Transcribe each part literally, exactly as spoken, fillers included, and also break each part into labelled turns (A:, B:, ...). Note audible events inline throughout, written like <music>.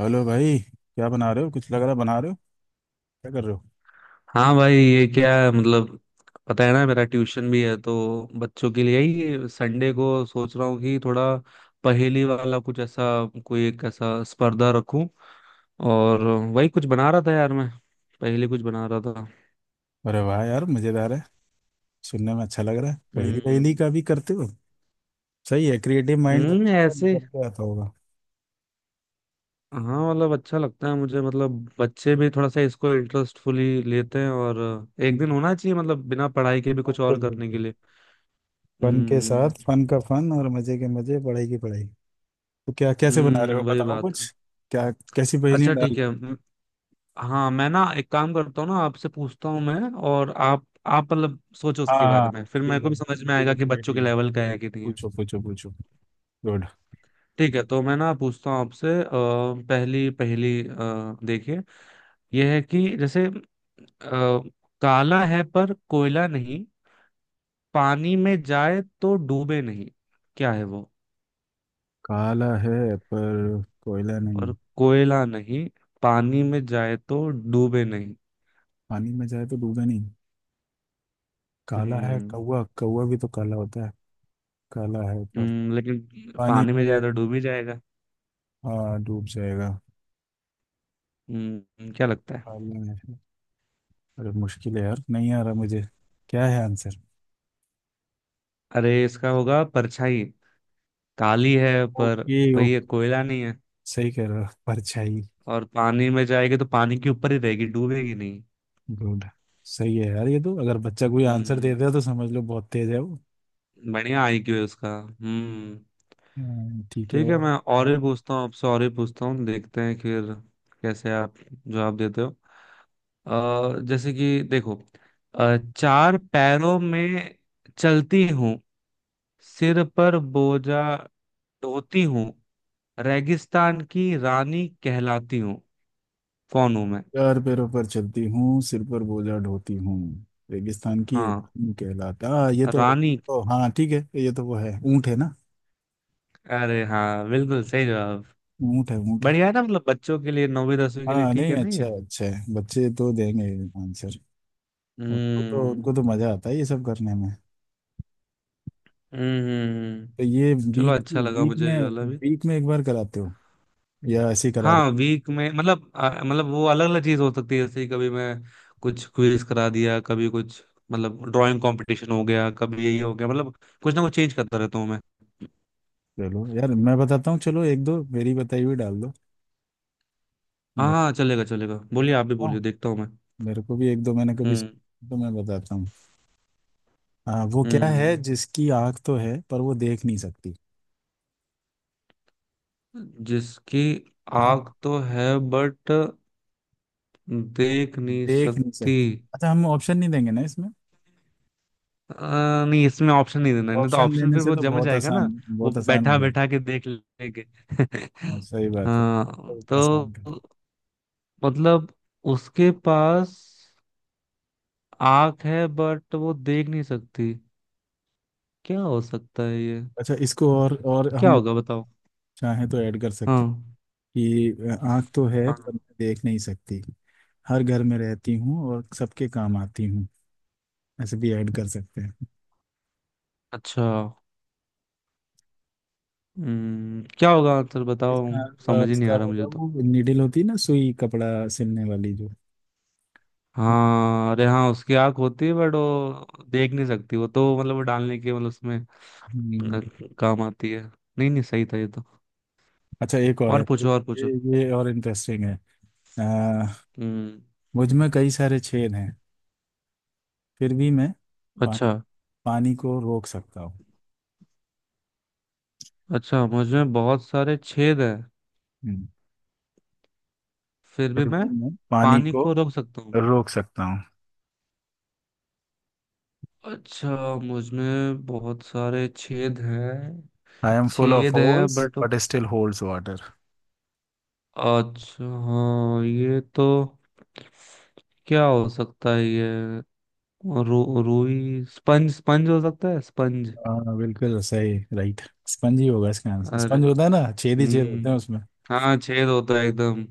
A: Hello भाई। क्या बना रहे हो? कुछ लग रहा है बना रहे हो। क्या कर रहे हो?
B: हाँ भाई, ये क्या है, मतलब पता है ना, मेरा ट्यूशन भी है, तो बच्चों के लिए ही संडे को सोच रहा हूँ कि थोड़ा पहेली वाला कुछ ऐसा, कोई एक ऐसा स्पर्धा रखूं। और वही कुछ बना रहा था यार मैं, पहेली कुछ बना रहा था।
A: अरे वाह यार, मजेदार है। सुनने में अच्छा लग रहा है। पहली
B: हम्म।
A: पहली का भी करते हो? सही है। क्रिएटिव माइंड
B: हम्म,
A: बच्चों का
B: ऐसे।
A: निकल के आता होगा।
B: हाँ, मतलब अच्छा लगता है मुझे, मतलब बच्चे भी थोड़ा सा इसको इंटरेस्टफुली लेते हैं, और एक
A: हम्म,
B: दिन होना चाहिए, मतलब बिना पढ़ाई के भी कुछ
A: बिल्कुल
B: और करने के
A: बिल्कुल।
B: लिए।
A: फन के साथ
B: हम्म
A: फन का फन और मजे के मजे, पढ़ाई की पढ़ाई। तो क्या कैसे बना रहे हो,
B: हम्म वही
A: बताओ
B: बात है।
A: कुछ? क्या? कैसी पहेलियां
B: अच्छा,
A: डाल
B: ठीक
A: रहे
B: है।
A: हो?
B: हाँ, मैं ना एक काम करता हूँ ना, आपसे पूछता हूँ मैं, और आप आप मतलब सोचो
A: हाँ
B: उसके बारे
A: हाँ।
B: में, फिर मेरे
A: ठीक
B: को भी
A: है
B: समझ में
A: ठीक है
B: आएगा कि
A: ठीक है
B: बच्चों के
A: ठीक है।
B: लेवल का है कि नहीं है।
A: पूछो पूछो पूछो। गुड।
B: ठीक है, तो मैं ना पूछता हूँ आपसे, अ, पहली पहली, अ, देखिए, यह है कि जैसे, अ, काला है पर कोयला नहीं, पानी में जाए तो डूबे नहीं, क्या है वो?
A: काला है पर कोयला नहीं।
B: और कोयला नहीं, पानी में जाए तो डूबे नहीं।
A: पानी में जाए तो डूबे नहीं। काला है,
B: हम्म।
A: कौवा। कौवा भी तो काला होता है। काला है पर
B: हम्म, लेकिन
A: पानी
B: पानी में
A: में।
B: जाए तो डूब ही जाएगा।
A: हाँ डूब जाएगा।
B: हम्म क्या लगता है?
A: काला है। अरे मुश्किल है यार, नहीं आ रहा मुझे। क्या है आंसर?
B: अरे, इसका होगा परछाई। काली है, पर
A: ओके
B: भाई ये
A: ओके।
B: कोयला नहीं है,
A: सही कह रहा, परछाई।
B: और पानी में जाएगी तो पानी के ऊपर ही रहेगी, डूबेगी नहीं।
A: गुड। सही है यार। ये तो अगर बच्चा कोई आंसर दे
B: हम्म।
A: दे तो समझ लो बहुत तेज है वो।
B: बढ़िया आईक्यू है उसका। हम्म।
A: हम्म, ठीक है।
B: ठीक है,
A: और?
B: मैं और
A: और।
B: भी पूछता हूँ आपसे, और भी पूछता हूँ, देखते हैं फिर कैसे आप जवाब देते हो। अ, जैसे कि देखो, अ, चार पैरों में चलती हूँ, सिर पर बोझा ढोती हूँ, रेगिस्तान की रानी कहलाती हूँ, कौन हूँ मैं?
A: चार पैरों पर चलती हूँ, सिर पर बोझा ढोती हूँ, रेगिस्तान की ये
B: हाँ,
A: रानी कहलाता, हाँ ये तो।
B: रानी।
A: ओ हाँ ठीक है। ये तो वो है, ऊँट है ना।
B: अरे हाँ, बिल्कुल सही जवाब।
A: ऊँट है ऊँट है।
B: बढ़िया है ना, मतलब बच्चों के लिए नौवीं दसवीं के लिए
A: हाँ,
B: ठीक
A: नहीं
B: है ना
A: अच्छा
B: ये।
A: है अच्छा है। बच्चे तो देंगे आंसर। उनको तो उनको
B: हम्म।
A: तो मजा आता है ये सब करने में।
B: हम्म। हम्म। हम्म।
A: तो ये
B: चलो,
A: वीक
B: अच्छा लगा
A: वीक
B: मुझे
A: में
B: ये वाला भी।
A: वीक में एक बार कराते हो या ऐसे ही करा रहे
B: हाँ,
A: हो?
B: वीक में मतलब, अ, मतलब वो अलग अलग चीज हो सकती है, जैसे कभी मैं कुछ क्विज करा दिया, कभी कुछ, मतलब ड्राइंग कंपटीशन हो गया, कभी यही हो गया, मतलब कुछ ना कुछ चेंज करता रहता हूँ मैं।
A: चलो यार, मैं बताता हूँ। चलो एक दो मेरी बताई हुई डाल दो।
B: हाँ
A: मैं
B: हाँ, चलेगा चलेगा, बोलिए,
A: बताऊँ?
B: आप भी
A: बताऊँ?
B: बोलिए, देखता हूँ मैं।
A: मेरे को भी एक दो मैंने कभी
B: हम्म।
A: सुना, तो मैं बताता हूँ। हाँ, वो क्या है
B: हम्म
A: जिसकी आंख तो है पर वो देख नहीं सकती?
B: जिसकी
A: आप
B: आग तो है, बट देख नहीं
A: देख नहीं
B: सकती?
A: सकती? अच्छा हम ऑप्शन नहीं देंगे ना इसमें?
B: अ, नहीं, इसमें ऑप्शन नहीं देना है, नहीं तो
A: ऑप्शन
B: ऑप्शन
A: देने
B: फिर
A: से
B: वो
A: तो
B: जम
A: बहुत
B: जाएगा ना।
A: आसान,
B: वो
A: बहुत आसान हो
B: बैठा
A: जाएगा।
B: बैठा के देख लेंगे।
A: हाँ,
B: <laughs>
A: सही बात है।
B: हाँ,
A: तो आसान
B: तो
A: कर।
B: मतलब उसके पास आंख है, बट वो देख नहीं सकती, क्या हो सकता है ये?
A: अच्छा इसको और और
B: क्या
A: हम
B: होगा, बताओ?
A: चाहें तो ऐड कर सकते
B: हाँ
A: हैं कि आंख तो है पर
B: हाँ।
A: मैं देख नहीं सकती। हर घर में रहती हूँ और सबके काम आती हूँ। ऐसे भी ऐड कर सकते हैं।
B: अच्छा। हम्म क्या होगा आंसर, बताओ?
A: इसका, अ,
B: समझ ही नहीं
A: इसका
B: आ रहा
A: होगा
B: मुझे तो।
A: वो नीडल होती है ना, सुई कपड़ा सिलने वाली जो।
B: हाँ, अरे हाँ, उसकी आंख होती है, बट वो देख नहीं सकती, वो तो मतलब वो डालने के मतलब उसमें
A: हम्म,
B: अ, काम आती है। नहीं नहीं, सही था ये तो।
A: अच्छा एक और
B: और
A: है तो
B: पूछो, और पूछो।
A: ये। ये और इंटरेस्टिंग है। आ,
B: हम्म।
A: मुझ में कई सारे छेद हैं। फिर भी मैं
B: अच्छा।
A: पानी, पानी को रोक सकता हूँ।
B: अच्छा, मुझ में बहुत सारे छेद हैं,
A: हम्म,
B: फिर भी
A: फिर
B: मैं
A: भी मैं पानी
B: पानी
A: को
B: को रोक सकता हूँ।
A: रोक सकता हूँ।
B: अच्छा, मुझ में बहुत सारे छेद हैं।
A: आई एम फुल ऑफ
B: छेद हैं,
A: holes,
B: but
A: but still holds water.
B: अच्छा हाँ, ये तो, क्या हो सकता है ये? रू रुई, स्पंज, स्पंज हो सकता है, स्पंज।
A: हाँ बिल्कुल सही, राइट। स्पंज ही होगा इसका आंसर।
B: अरे।
A: स्पंज होता है ना, छेद ही छेद होते हैं
B: हम्म।
A: उसमें।
B: हाँ, छेद होता है एकदम,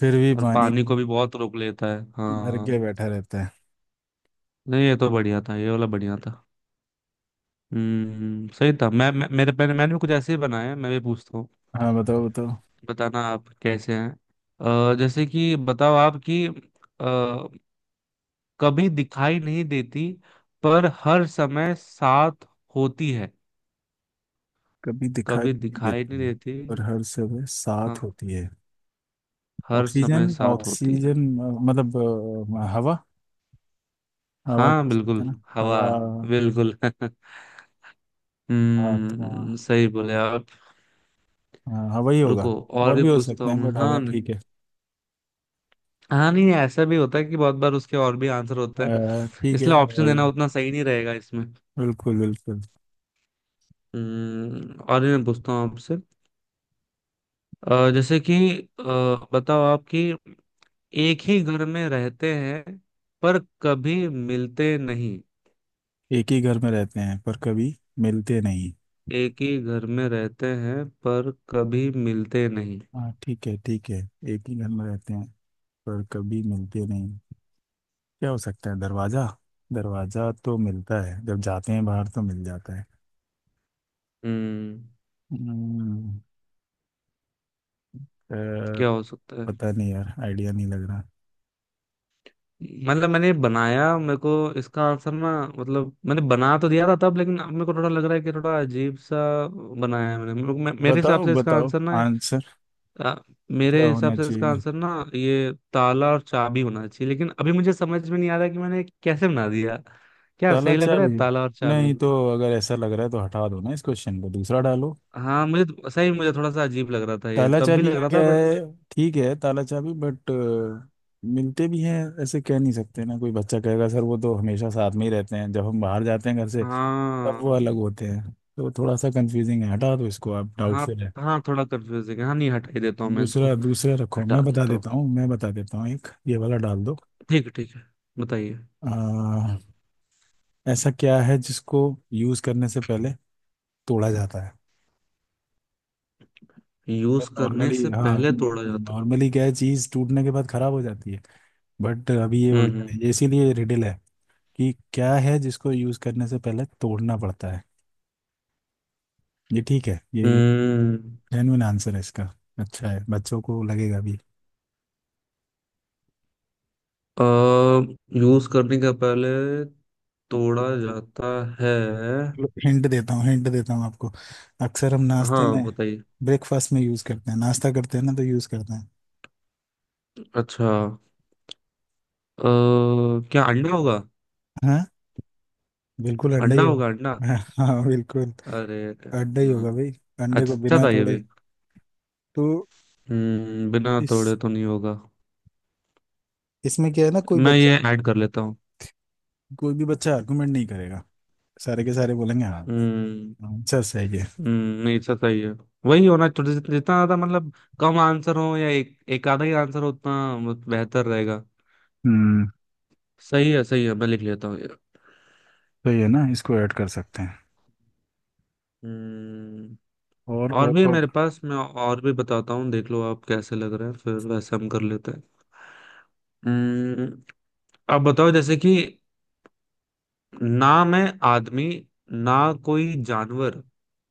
A: फिर भी
B: और
A: पानी
B: पानी को भी बहुत रोक लेता है,
A: भर के
B: हाँ।
A: बैठा रहता है।
B: नहीं, ये तो बढ़िया था, ये वाला बढ़िया था। हम्म, सही था। मैं, मैं मेरे मैंने मैंने भी कुछ ऐसे ही बनाए हैं, मैं भी पूछता हूँ,
A: हाँ बताओ बताओ।
B: बताना आप कैसे हैं। अ, जैसे कि बताओ आप कि अ, कभी दिखाई नहीं देती, पर हर समय साथ होती है।
A: कभी दिखाई
B: कभी
A: नहीं
B: दिखाई
A: देती
B: नहीं
A: है,
B: देती।
A: और हर सुबह
B: हाँ,
A: साथ होती है।
B: हर समय
A: ऑक्सीजन
B: साथ होती है।
A: ऑक्सीजन, अ, मतलब, अ, हवा। हवा कह
B: हाँ
A: सकते
B: बिल्कुल।
A: हैं ना,
B: हवा।
A: हवा।
B: बिल्कुल। <laughs>
A: आत्मा।
B: हम्म, सही बोले आप।
A: हाँ, हवा ही होगा।
B: रुको, और
A: और
B: भी
A: भी हो
B: पूछता
A: सकते
B: हूँ
A: हैं,
B: मैं,
A: बट हवा
B: हाँ न-
A: ठीक है।
B: हाँ नहीं, ऐसा भी होता है कि बहुत बार उसके और भी आंसर होते हैं,
A: अ, ठीक
B: इसलिए
A: है
B: ऑप्शन
A: और।
B: देना उतना सही नहीं रहेगा इसमें।
A: बिल्कुल बिल्कुल।
B: हम्म, और भी मैं पूछता हूँ आपसे, अ, जैसे कि, अ, बताओ आप कि एक ही घर में रहते हैं, पर कभी मिलते नहीं।
A: एक ही घर में रहते हैं पर कभी मिलते नहीं।
B: एक ही घर में रहते हैं, पर कभी मिलते नहीं।
A: हाँ ठीक है ठीक है। एक ही घर में रहते हैं पर कभी मिलते नहीं। क्या हो सकता है, दरवाजा? दरवाजा तो मिलता है, जब जाते हैं बाहर तो मिल जाता है।
B: हम्म
A: हम्म, अ,
B: क्या हो सकता है?
A: पता नहीं यार, आइडिया नहीं लग रहा।
B: मतलब मैंने बनाया, मेरे को इसका आंसर ना, मतलब मैंने बना तो दिया था तब, लेकिन अब मेरे को थोड़ा लग रहा है कि थोड़ा अजीब सा बनाया है मैंने। मेरे को- मे, मेरे हिसाब
A: बताओ
B: से इसका
A: बताओ
B: आंसर ना,
A: आंसर।
B: अ,
A: क्या
B: मेरे हिसाब
A: होना
B: से इसका
A: चाहिए?
B: आंसर ना, ये ताला और चाबी होना चाहिए, लेकिन अभी मुझे समझ में नहीं आ रहा कि मैंने कैसे बना दिया। क्या
A: ताला
B: सही लग रहा है,
A: चाबी?
B: ताला और
A: नहीं
B: चाबी?
A: तो अगर ऐसा लग रहा है तो हटा दो ना इस क्वेश्चन को, दूसरा डालो।
B: हाँ, मुझे तो- सही, मुझे थोड़ा सा अजीब लग रहा था ये,
A: ताला
B: तब भी
A: चाबी
B: लग
A: का
B: रहा था
A: क्या
B: बट।
A: है? ठीक है, ताला चाबी बट मिलते भी हैं। ऐसे कह नहीं सकते ना, कोई बच्चा कहेगा सर वो तो हमेशा साथ में ही रहते हैं। जब हम बाहर जाते हैं घर से तब वो
B: हाँ
A: अलग होते हैं। तो थोड़ा सा कंफ्यूजिंग है, हटा दो इसको, आप डाउट
B: हाँ
A: से रहे।
B: हाँ, थोड़ा कंफ्यूजिंग है, हाँ नहीं, हटा ही देता हूँ मैं इसको।
A: दूसरा दूसरा रखो।
B: हटा
A: मैं बता
B: देता हूँ।
A: देता हूँ, मैं बता देता हूँ एक, ये वाला डाल दो।
B: ठीक है, ठीक है। बताइए।
A: आ, ऐसा क्या है जिसको यूज करने से पहले तोड़ा जाता है?
B: यूज करने
A: नॉर्मली,
B: से
A: हाँ,
B: पहले तोड़ा जाता
A: नॉर्मली क्या है, चीज टूटने के बाद खराब हो जाती है। बट अभी ये
B: है?
A: उल्टा है, ये
B: हम्म।
A: इसीलिए रिडल है कि क्या है जिसको यूज करने से पहले तोड़ना पड़ता है। ये ठीक है। ये
B: हम्म।
A: जेन्युइन आंसर है इसका। अच्छा है, बच्चों को लगेगा भी।
B: हम्म। यूज करने के पहले तोड़ा जाता है?
A: हिंट देता हूँ, हिंट देता हूँ आपको। अक्सर हम नाश्ते
B: हाँ
A: में,
B: बताइए।
A: ब्रेकफास्ट में यूज करते हैं, नाश्ता करते हैं ना तो यूज करते हैं।
B: अच्छा। अ, क्या अंडा होगा?
A: हाँ बिल्कुल अंडा ही
B: अंडा होगा, अंडा।
A: होगा। हाँ बिल्कुल
B: अरे।
A: अंडा ही
B: हाँ,
A: होगा भाई। अंडे को
B: अच्छा
A: बिना
B: था ये
A: तोड़े
B: भी।
A: तो
B: हम्म बिना तोड़े
A: इस
B: तो नहीं होगा।
A: इसमें क्या है ना, कोई
B: मैं
A: बच्चा
B: ये ऐड कर लेता हूँ।
A: कोई भी बच्चा आर्गुमेंट नहीं करेगा। सारे के सारे बोलेंगे हाँ।
B: हम्म।
A: आंसर सही है।
B: हम्म, नहीं, अच्छा, सही है। वही होना चाहिए, जितना जितना ज्यादा मतलब कम आंसर हो, या एक एक आधा ही आंसर हो, उतना बेहतर रहेगा।
A: हम्म।
B: सही है, सही है, मैं लिख लेता हूँ ये।
A: तो ये ना इसको ऐड कर सकते हैं।
B: हम्म,
A: और?
B: और
A: और
B: भी है
A: कौन?
B: मेरे पास, मैं और भी बताता हूँ, देख लो आप कैसे लग रहे हैं, फिर वैसे हम कर लेते हैं। हम्म, अब बताओ, जैसे कि ना मैं आदमी, ना कोई जानवर,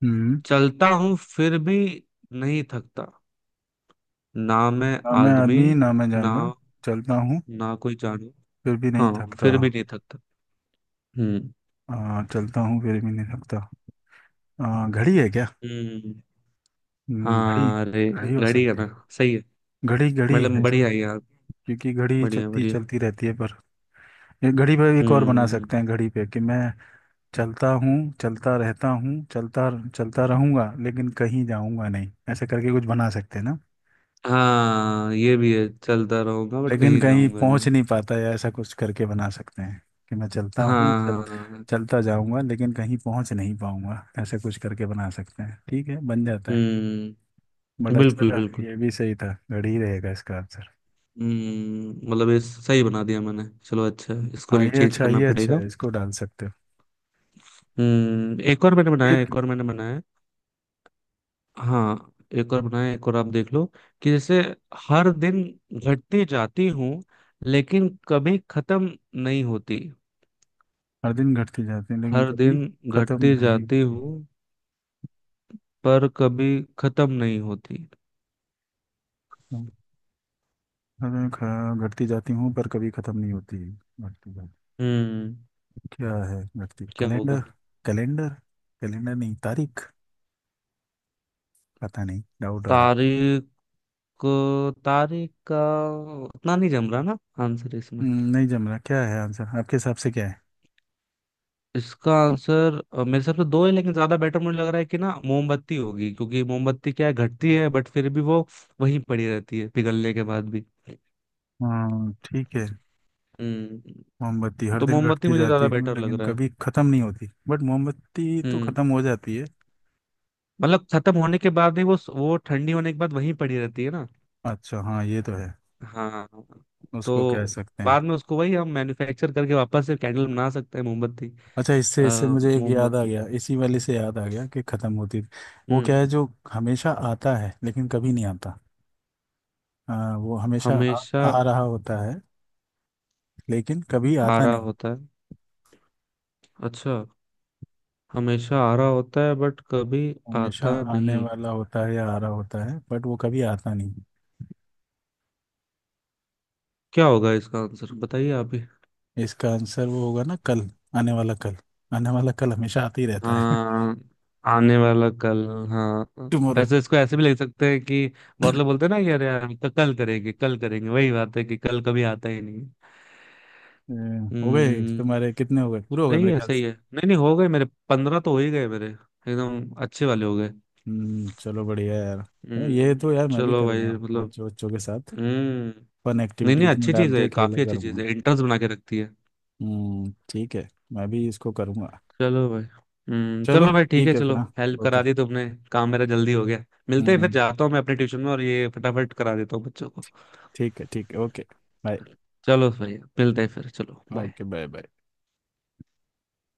A: हम्म।
B: चलता हूँ फिर भी नहीं थकता। ना मैं
A: ना मैं
B: आदमी,
A: आदमी ना मैं
B: ना
A: जानवर, चलता हूँ
B: ना कोई जानवर।
A: फिर भी नहीं
B: हाँ,
A: थकता।
B: फिर भी नहीं थकता। हम्म।
A: आ, चलता हूँ फिर भी नहीं थकता। आ, घड़ी है क्या?
B: हम्म
A: हम्म, घड़ी,
B: हाँ अरे,
A: घड़ी हो
B: घड़ी है
A: सकती
B: ना।
A: है।
B: सही है।
A: घड़ी, घड़ी है
B: मतलब
A: इसका,
B: बढ़िया है यार।
A: क्योंकि घड़ी
B: बढ़िया
A: चलती
B: बढ़िया।
A: चलती रहती है पर। ये घड़ी पे एक और बना
B: हम्म
A: सकते हैं। घड़ी पे कि मैं चलता हूँ, चलता रहता हूँ, चलता चलता रहूंगा लेकिन कहीं जाऊंगा नहीं, ऐसे करके कुछ बना सकते हैं ना?
B: हाँ, ये भी है, चलता रहूंगा बट
A: लेकिन
B: कहीं
A: कहीं
B: जाऊंगा
A: पहुंच
B: नहीं।
A: नहीं पाता, या ऐसा कुछ करके बना सकते हैं कि मैं चलता हूँ,
B: हाँ
A: चल
B: हाँ,
A: चलता जाऊंगा लेकिन कहीं पहुंच नहीं पाऊंगा, ऐसा कुछ करके बना सकते हैं। ठीक है बन जाता है,
B: हम्म,
A: बट अच्छा
B: बिल्कुल
A: था।
B: बिल्कुल।
A: ये भी सही था। घड़ी रहेगा इसका आंसर।
B: हम्म मतलब ये सही बना दिया मैंने, चलो अच्छा है, इसको
A: हाँ
B: नहीं
A: ये
B: चेंज
A: अच्छा,
B: करना
A: ये अच्छा
B: पड़ेगा।
A: है, इसको डाल सकते हो।
B: हम्म एक और मैंने बनाया,
A: एक
B: एक और मैंने बनाया। हाँ, एक और बनाया, एक और आप देख लो, कि जैसे हर दिन घटती जाती हूँ, लेकिन कभी खत्म नहीं होती।
A: हर दिन घटती जाती है लेकिन
B: हर
A: कभी
B: दिन
A: खत्म
B: घटती
A: नहीं
B: जाती
A: होती।
B: हूँ, पर कभी खत्म नहीं होती।
A: हर दिन ख- घटती जाती हूँ पर कभी खत्म नहीं होती। घटती जाती,
B: हम्म
A: क्या है घटती?
B: क्या
A: कैलेंडर?
B: होगा?
A: कैलेंडर, कैलेंडर नहीं तारीख। पता नहीं, डाउट हो रहा है।
B: तारीख? तारीख का उतना नहीं जम रहा ना आंसर इसमें।
A: हम्म, नहीं जम रहा। क्या है आंसर आपके हिसाब से, क्या है?
B: इसका आंसर अ, मेरे हिसाब से दो है, लेकिन ज्यादा बेटर मुझे लग रहा है कि ना मोमबत्ती होगी, क्योंकि मोमबत्ती क्या है, घटती है बट फिर भी वो वहीं पड़ी रहती है, पिघलने के बाद भी।
A: हाँ ठीक है।
B: हम्म
A: मोमबत्ती हर
B: तो
A: दिन
B: मोमबत्ती
A: घटती
B: मुझे
A: जाती
B: ज्यादा
A: है
B: बेटर लग
A: लेकिन
B: रहा है।
A: कभी ख़त्म नहीं होती, बट मोमबत्ती तो
B: हम्म
A: ख़त्म हो जाती है।
B: मतलब खत्म होने के बाद भी वो वो ठंडी होने के बाद वहीं पड़ी रहती है ना।
A: अच्छा हाँ ये तो है,
B: हाँ,
A: उसको कह
B: तो
A: सकते हैं।
B: बाद में उसको वही हम मैन्युफैक्चर करके वापस से कैंडल बना सकते हैं, मोमबत्ती।
A: अच्छा
B: अ,
A: इससे इससे मुझे एक याद आ
B: मोमबत्ती।
A: गया, इसी वाले से याद आ गया कि ख़त्म होती। वो
B: हम्म।
A: क्या है जो हमेशा आता है लेकिन कभी नहीं आता? आ, वो हमेशा आ,
B: हमेशा
A: आ रहा होता है लेकिन कभी
B: आ
A: आता
B: रहा
A: नहीं।
B: होता है? अच्छा, हमेशा आ रहा होता है बट कभी
A: हमेशा
B: आता
A: आने
B: नहीं।
A: वाला होता है, या आ रहा होता है, बट वो कभी आता नहीं।
B: क्या होगा इसका आंसर, बताइए आप ही।
A: इसका आंसर वो होगा ना, कल। आने वाला कल। आने वाला कल हमेशा आते ही रहता है। <laughs>
B: हाँ, आने वाला कल, हाँ।
A: टुमारो।
B: ऐसे इसको ऐसे भी लिख सकते हैं कि बहुत लोग बोलते हैं ना कि अरे यार, क- कल करेंगे, कल करेंगे, वही बात है कि कल कभी आता ही नहीं।
A: हो गए
B: हम्म।
A: तुम्हारे? कितने हो गए? पूरे हो गए
B: सही
A: मेरे
B: है,
A: ख्याल
B: सही
A: से।
B: है, नहीं नहीं, हो गए मेरे, पंद्रह तो हो ही गए मेरे, एकदम अच्छे वाले हो गए।
A: हम्म, चलो बढ़िया है यार। ये
B: हम्म।
A: तो यार मैं भी
B: चलो भाई,
A: करूँगा
B: मतलब,
A: बच्चों बच्चों के साथ।
B: हम्म।
A: फन
B: नहीं नहीं,
A: एक्टिविटीज में
B: अच्छी
A: डाल
B: चीज है,
A: के खेला
B: काफी अच्छी चीज
A: करूँगा।
B: है, इंटर्न्स बना के रखती है।
A: हम्म ठीक है, मैं भी इसको करूँगा।
B: चलो भाई, हम्म,
A: चलो
B: चलो भाई, ठीक है,
A: ठीक है फिर,
B: चलो,
A: हाँ।
B: Help
A: okay.
B: करा दी तुमने, काम मेरा जल्दी हो गया। मिलते
A: हम्म,
B: हैं फिर,
A: हम्म।
B: जाता हूँ मैं अपने ट्यूशन में, और ये फटाफट करा देता हूँ बच्चों को।
A: ठीक है ठीक है। ओके। बाय।
B: चलो भाई, मिलते हैं फिर, चलो बाय।
A: Okay, bye bye.